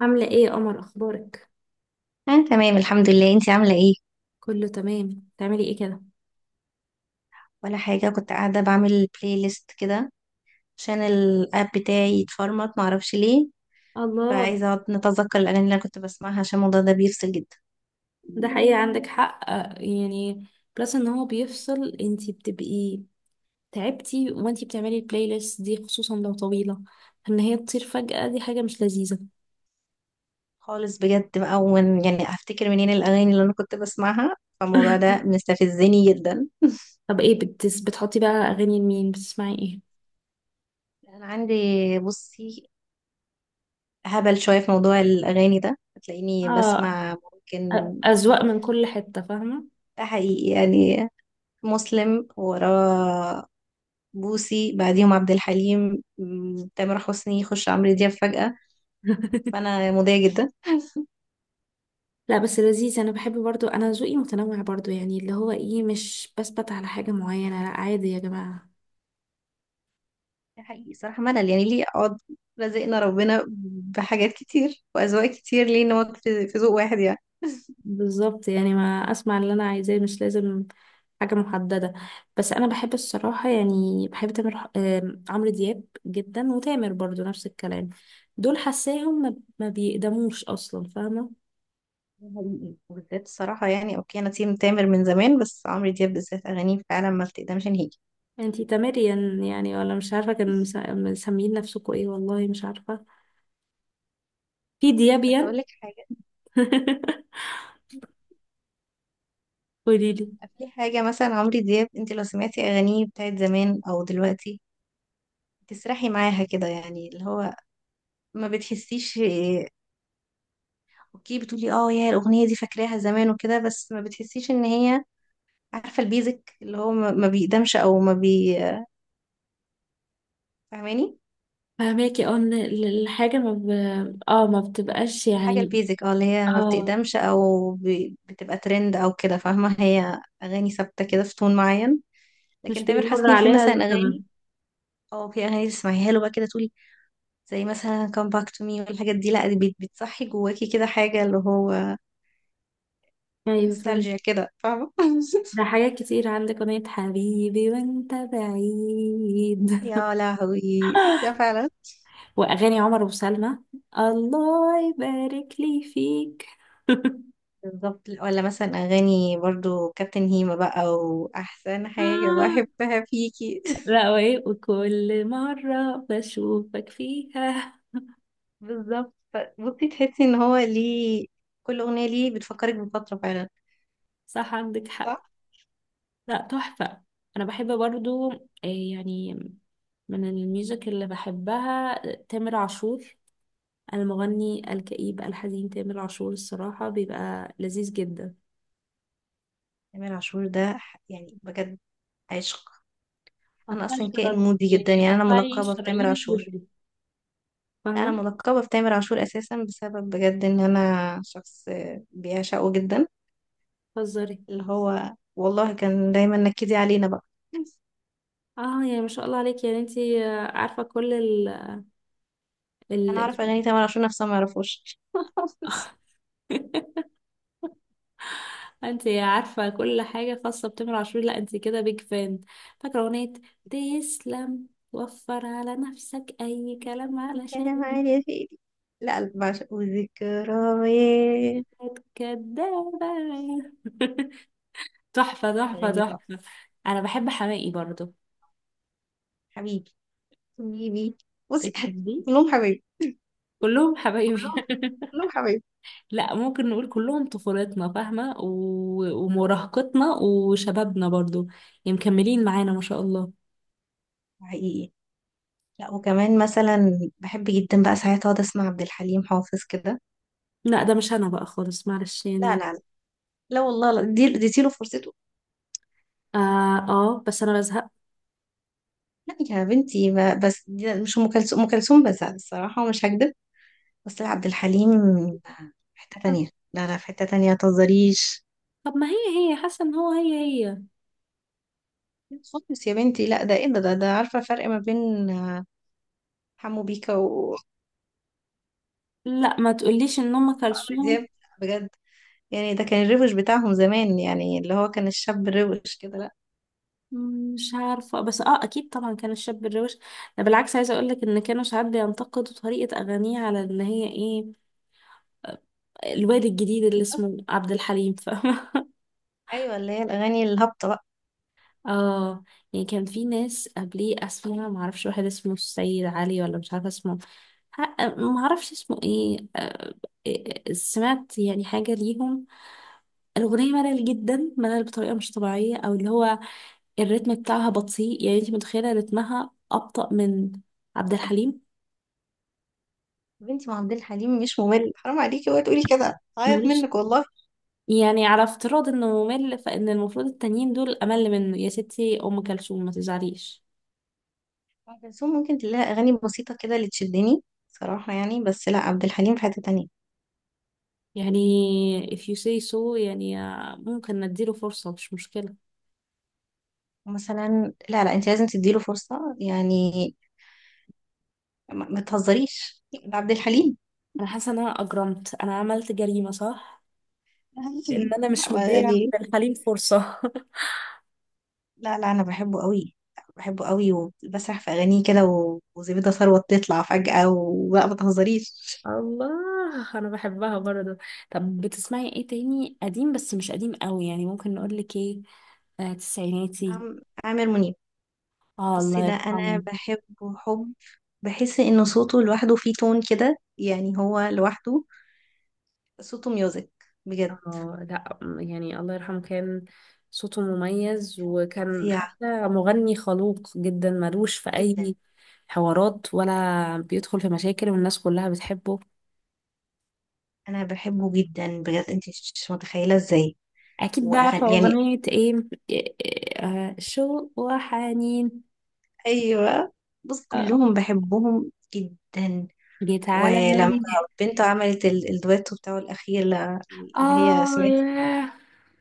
عاملة ايه يا قمر؟ اخبارك؟ أنا تمام، الحمد لله. انتي عاملة ايه؟ كله تمام. تعملي ايه كده؟ ولا حاجة، كنت قاعدة بعمل بلاي ليست كده عشان الاب بتاعي يتفرمط، معرفش ليه. الله. فعايزة اقعد نتذكر الأغاني اللي أنا كنت بسمعها، عشان الموضوع ده بيفصل جدا ده حقيقة، عندك حق يعني بلس ان هو بيفصل، انتي بتبقي تعبتي وانتي بتعملي البلاي ليست دي، خصوصا لو طويلة، ان هي تطير فجأة. دي حاجة مش لذيذة. خالص بجد بقى. ومن يعني هفتكر منين الأغاني اللي أنا كنت بسمعها؟ فالموضوع ده مستفزني جدا. طب ايه بتس بتحطي بقى؟ اغاني لمين بتسمعي؟ ايه؟ أنا عندي، بصي، هبل شوية في موضوع الأغاني ده، هتلاقيني اه، بسمع ممكن اذواق من كل حتة، فاهمة؟ ده حقيقي يعني. مسلم، وراه بوسي، بعديهم عبد الحليم، تامر حسني، يخش عمرو دياب فجأة. فأنا مضايقة جدا. لا بس لذيذ، انا بحب برضو، انا ذوقي متنوع برضو، يعني اللي هو ايه، مش بثبت على حاجة معينة. لا عادي يا جماعة. ده حقيقي صراحة. ملل يعني ليه أقعد؟ رزقنا ربنا بحاجات كتير وأذواق كتير، ليه نقعد في ذوق واحد يعني؟ بالظبط، يعني ما اسمع اللي انا عايزاه، مش لازم حاجه محدده. بس انا بحب الصراحه، يعني بحب تامر ح- آم، عمرو دياب جدا، وتامر برضو نفس الكلام. دول حاساهم ما بيقدموش اصلا، فاهمه؟ ده حقيقي وبالذات الصراحة يعني. أوكي، أنا تيم تامر من زمان، بس عمرو دياب بالذات أغانيه فعلا ما بتقدمش نهيجي. انتي تامريان يعني؟ ولا مش عارفه كانوا مسميين نفسكوا ايه، والله مش عارفه. في بس أقول ديابيان. لك حاجة. قوليلي. في حاجة مثلا، عمرو دياب أنت لو سمعتي أغانيه بتاعت زمان أو دلوقتي، تسرحي معاها كده، يعني اللي هو ما بتحسيش. اوكي بتقولي اه يا الاغنيه دي فاكراها زمان وكده، بس ما بتحسيش ان هي، عارفه البيزك اللي هو ما بيقدمش او ما بي فاهماني؟ فهماكي، اه، ان الحاجه ما ب... اه، ما بتبقاش حاجه يعني. البيزك، اه اللي هي ما اه، بتقدمش او بتبقى ترند او كده، فاهمه. هي اغاني ثابته كده في تون معين. لكن مش تامر بيمر حسني في عليها مثلا الزمن. اغاني، اه في اغاني تسمعيها له بقى كده تقولي، زي مثلا come back to me والحاجات دي، لا دي بتصحي جواكي كده حاجه، اللي هو ايوه، نوستالجيا كده، فاهمه؟ ده حاجات كتير، عندك أغنية حبيبي وانت بعيد. يا لهوي، ده فعلا. وأغاني عمر وسلمى. الله يبارك لي فيك. بالظبط، ولا مثلا اغاني برضو كابتن هيما بقى، واحسن حاجه آه. بحبها فيكي لا، وإيه، وكل مرة بشوفك فيها. بالظبط، بصي تحسي ان هو ليه كل اغنيه ليه بتفكرك بفتره فعلا. صح، عندك حق. صح. لا تحفة. أنا بحب برضو إيه يعني، من الميوزك اللي بحبها تامر عاشور. المغني الكئيب الحزين تامر عاشور الصراحة بيبقى لذيذ جدا. تامر عاشور ده يعني بجد عشق. انا قطعي اصلا كائن شرايين، مودي جدا، يعني يعني انا قطعي ملقبه بتامر شرايينك عاشور. واجري، لا انا فاهمة؟ ملقبه بتامر عاشور اساسا بسبب بجد ان انا شخص بيعشقه جدا. هزاري. اللي هو والله كان دايما نكدي علينا بقى اه يعني، ما شاء الله عليك، يعني انتي عارفة كل ال. انا اعرف اغاني تامر عاشور نفسها ما يعرفوش انتي عارفة كل حاجة خاصة بتامر عاشور، لا انتي كده بيج فان. فاكرة اغنية تسلم وفر على نفسك اي كلام كلام علشان عادي يا سيدي. لا، بعشق وذكريات كدابة؟ تحفة تحفة أغنية تحفة. تحفة. انا بحب حماقي برضو. حبيبي، حبيبي. بصي، بتحبيه؟ كلهم حبايبي. كلهم حبايبي. كلهم، كلهم حبايبي. لا، ممكن نقول كلهم طفولتنا، فاهمة؟ و... ومراهقتنا وشبابنا برضو، يعني مكملين معانا ما شاء الله. حقيقي. لا وكمان مثلا بحب جدا بقى ساعات اقعد اسمع عبد الحليم حافظ كده. لا ده مش انا بقى خالص، معلش لا يعني. لا لا. لا والله، لا دي اديتي له فرصته. اه، آه بس انا بزهق. لا يا بنتي، ما بس دي مش ام كلثوم. ام كلثوم بس الصراحه، ومش هكدب. بس لا، عبد الحليم في حته تانية. لا لا، في حته تانية، متهزريش. طب ما هي، هي حاسة ان هو، هي. لا خالص يا بنتي، لا ده ايه؟ ده ده عارفه الفرق ما بين حمو بيكا وعمرو لا ما تقوليش ان ام كلثوم. دياب؟ بجد. يعني ده كان الروش بتاعهم زمان، يعني اللي هو كان الشاب الروش كده. لا. مش عارفة، بس اه اكيد طبعا كان الشاب الروش. ده بالعكس، عايزة اقولك ان كانوا ساعات بينتقدوا طريقة اغانيه، على ان هي ايه، الواد الجديد اللي اسمه عبد الحليم، فاهمة؟ ايوه، اللي هي الاغاني الهابطه بقى. اه، يعني كان في ناس قبليه اسمها معرفش، واحد اسمه السيد علي، ولا مش عارفة اسمه، معرفش اسمه ايه، سمعت يعني حاجة ليهم. الأغنية ملل جدا، ملل بطريقة مش طبيعية، أو اللي هو الريتم بتاعها بطيء، يعني انت متخيلة رتمها أبطأ من عبد الحليم. يا بنتي، ما عبد الحليم مش ممل. حرام عليكي وقت تقولي كده، هعيط مش منك والله. يعني، على افتراض انه ممل، فان المفروض التانيين دول امل منه يا ستي، ام كلثوم ما تزعليش. ام كلثوم ممكن تلاقي اغاني بسيطه كده اللي تشدني صراحه يعني. بس لا، عبد الحليم في حته تانية يعني if you say so يعني، ممكن نديله فرصة، مش مشكلة. مثلا. لا لا، انت لازم تديله فرصه، يعني ما تهزريش، ده عبد الحليم أنا حاسة إن أنا أجرمت، أنا عملت جريمة صح؟ إن أنا مش لا، مدية يعني، عبد الحليم فرصة. لا لا، انا بحبه قوي. بحبه قوي وبسرح في اغانيه كده، وزبيدة ثروت تطلع فجأة وبقى، ما تهزريش. الله، أنا بحبها برضه. طب بتسمعي إيه تاني؟ قديم بس مش قديم قوي، يعني ممكن نقولك إيه، آه تسعيناتي. عامر منيب. آه بصي، الله ده انا يرحمه. بحبه حب. بحس ان صوته لوحده فيه تون كده، يعني هو لوحده صوته ميوزك، بجد. اه لا، يعني الله يرحمه كان صوته مميز، وكان فظيع حتى مغني خلوق جدا، ملوش في جدا. اي حوارات ولا بيدخل في مشاكل، والناس كلها بتحبه. انا بحبه جدا بجد، انت مش متخيله ازاي. اكيد بقى، عارفه واغاني يعني، اغنيه ايه؟ شوق وحنين. ايوه، بص آه، كلهم بحبهم جدا. جيت على ولما بالي. بنته عملت الدويتو بتاعه الأخير اللي هي اه، سمعت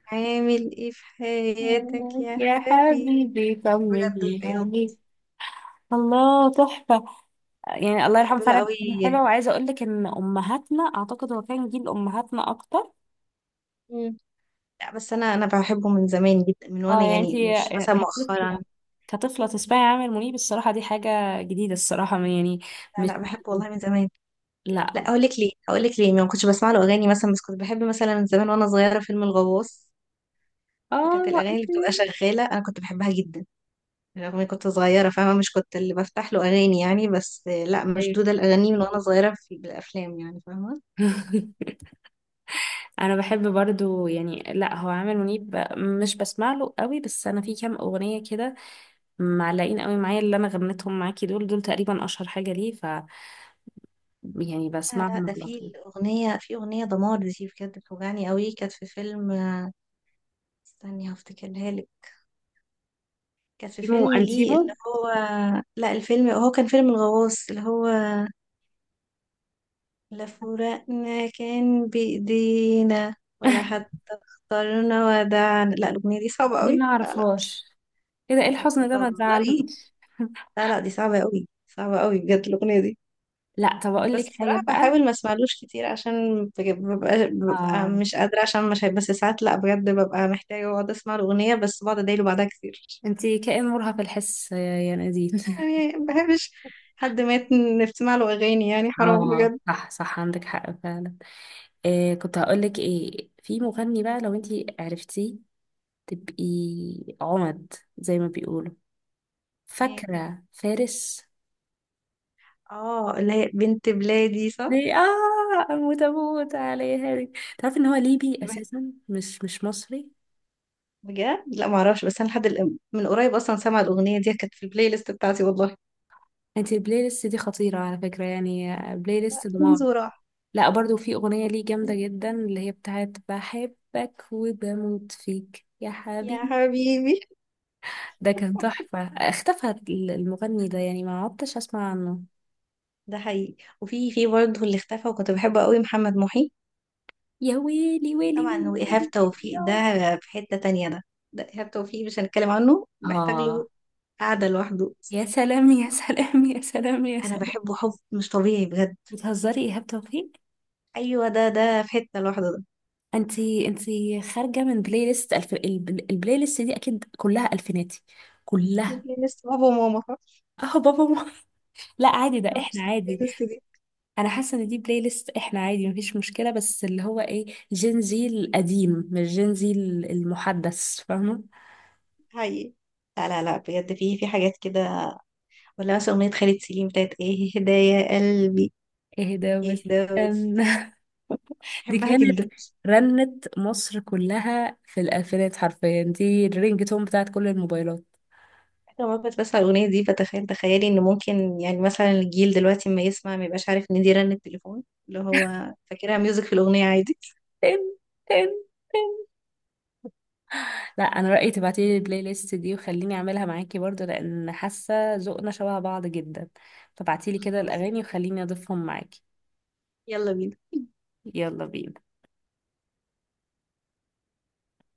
عامل ايه في حياتك يا يا حبيبي. حبيبي بجد طمني. أيوة، الله تحفة. يعني الله بحب يرحمه له فعلا كان حلو، قوي. وعايزة اقول لك ان امهاتنا، اعتقد هو كان جيل امهاتنا اكتر. مم. لا بس انا بحبه من زمان جدا، من اه وانا يعني انت يعني مش مثلا كطفلة، مؤخرا. كطفلة تسمعي عامر منيب، الصراحة دي حاجة جديدة الصراحة، يعني مش لا لا، بحبه والله من زمان. لا، لا اقول لك ليه، ما كنتش بسمع له اغاني مثلا، بس كنت بحب مثلا من زمان وانا صغيره فيلم الغواص. فكانت اه الاغاني اللي بتبقى شغاله انا كنت بحبها جدا. رغم إني كنت صغيرة، فاهمة؟ مش كنت اللي بفتح له أغاني يعني، بس لا أيوة. مشدودة الأغاني من وأنا صغيرة في بالأفلام يعني، فاهمة؟ انا بحب برضو يعني، لا هو عامر منيب مش بسمع له قوي، بس انا في كام اغنية كده معلقين قوي معايا، اللي انا غنيتهم معاكي دول، دول تقريبا اشهر حاجة ليه، ف يعني لا لا، بسمعهم ده على في طول. الأغنية، في أغنية دمار دي بجد بتوجعني قوي. كانت في فيلم استني هفتكرها لك. كانت في انتيمو فيلم ليه انتيمو. اللي هو، لا الفيلم هو كان فيلم الغواص اللي هو، لا فراقنا كان بإيدينا، ولا حتى اخترنا ودعنا. لا الأغنية دي صعبة دي قوي. ما لا لا اعرفهاش. ايه ده؟ ايه الحزن ده؟ ما بتهزري. تزعلوش. لا لا، دي صعبة قوي، صعبة قوي بجد الأغنية دي. لا طب اقول بس لك حاجه الصراحة بقى. بحاول ما اسمعلوش كتير، عشان ببقى اه، مش قادرة، عشان مش هي- بس ساعات لا بجد ببقى محتاجة اقعد اسمع الأغنية، بس بقعد ادايله بعدها كتير. انتي كائن مرهف الحس يا نادين. يعني ما بحبش حد مات نسمع له أغاني، يعني حرام اه بجد. صح صح، عندك حق فعلا. إيه كنت هقول لك ايه؟ في مغني بقى لو انتي عرفتيه تبقي عمد زي ما بيقولوا، ايه؟ فاكره فارس؟ اه اللي هي بنت بلادي صح؟ دي اه، اموت اموت عليها دي. تعرفي ان هو ليبي بح- اساسا، مش مصري. بجد لا معرفش، بس انا من قريب اصلا سامعة الأغنية دي، كانت في البلاي ليست بتاعتي والله. انتي البلاي ليست دي خطيره على فكره، يعني بلاي ليست دمار. ينزل راح. لا برضو في أغنية ليه جامدة جدا، اللي هي بتاعت بحبك وبموت فيك يا يا حبيبي. حبيبي. ده كان تحفة، اختفى المغني ده، يعني ما عدتش أسمع عنه. ده حقيقي، وفي في برضه اللي اختفى وكنت بحبه قوي، محمد محي. يا ويلي ويلي طبعا، ويلي وإيهاب ويلي ويلي توفيق يا ده في حتة تانية ده. ده إيهاب توفيق مش هنتكلم عنه، محتاج آه. له قعدة لوحده. يا سلام يا سلام يا سلام يا أنا سلام. بحبه حب مش طبيعي بجد. بتهزري؟ يا إيهاب توفيق. أيوة، ده في حتة لوحده ده. انتي خارجة من بلاي ليست البلاي ليست دي أكيد كلها ألفيناتي، كلها. يمكن لسه بابا وماما، فاهمة؟ اه بابا ما. لا عادي، ده نفس احنا عادي. البلاylist دي. انا حاسه ان دي بلاي ليست احنا، عادي مفيش مشكله، بس اللي هو ايه، جين زي القديم، مش جين زي المحدث، فاهمه؟ حقيقي. لا لا لا، بجد في حاجات كده. ولا مثلا أغنية خالد سليم بتاعت إيه، هدايا قلبي. ايه ده إيه بس؟ ده بس. كان. دي بحبها كانت جدا. رنت مصر كلها في الالفينات، حرفيا دي الرينج تون بتاعت كل الموبايلات. أنا مرة كنت بسمع الأغنية دي، فتخيل تخيلي إن ممكن يعني مثلا الجيل دلوقتي ما يسمع، ما يبقاش عارف إن دي رنة تليفون، اللي هو فاكرها ميوزك في الأغنية عادي. تن، تن، تن. لا انا رايي تبعتي لي البلاي ليست دي وخليني اعملها معاكي برضو، لان حاسه ذوقنا شبه بعض جدا. فبعتي لي كده خلاص، الاغاني وخليني اضيفهم معاكي. يلا بينا. يلا بينا.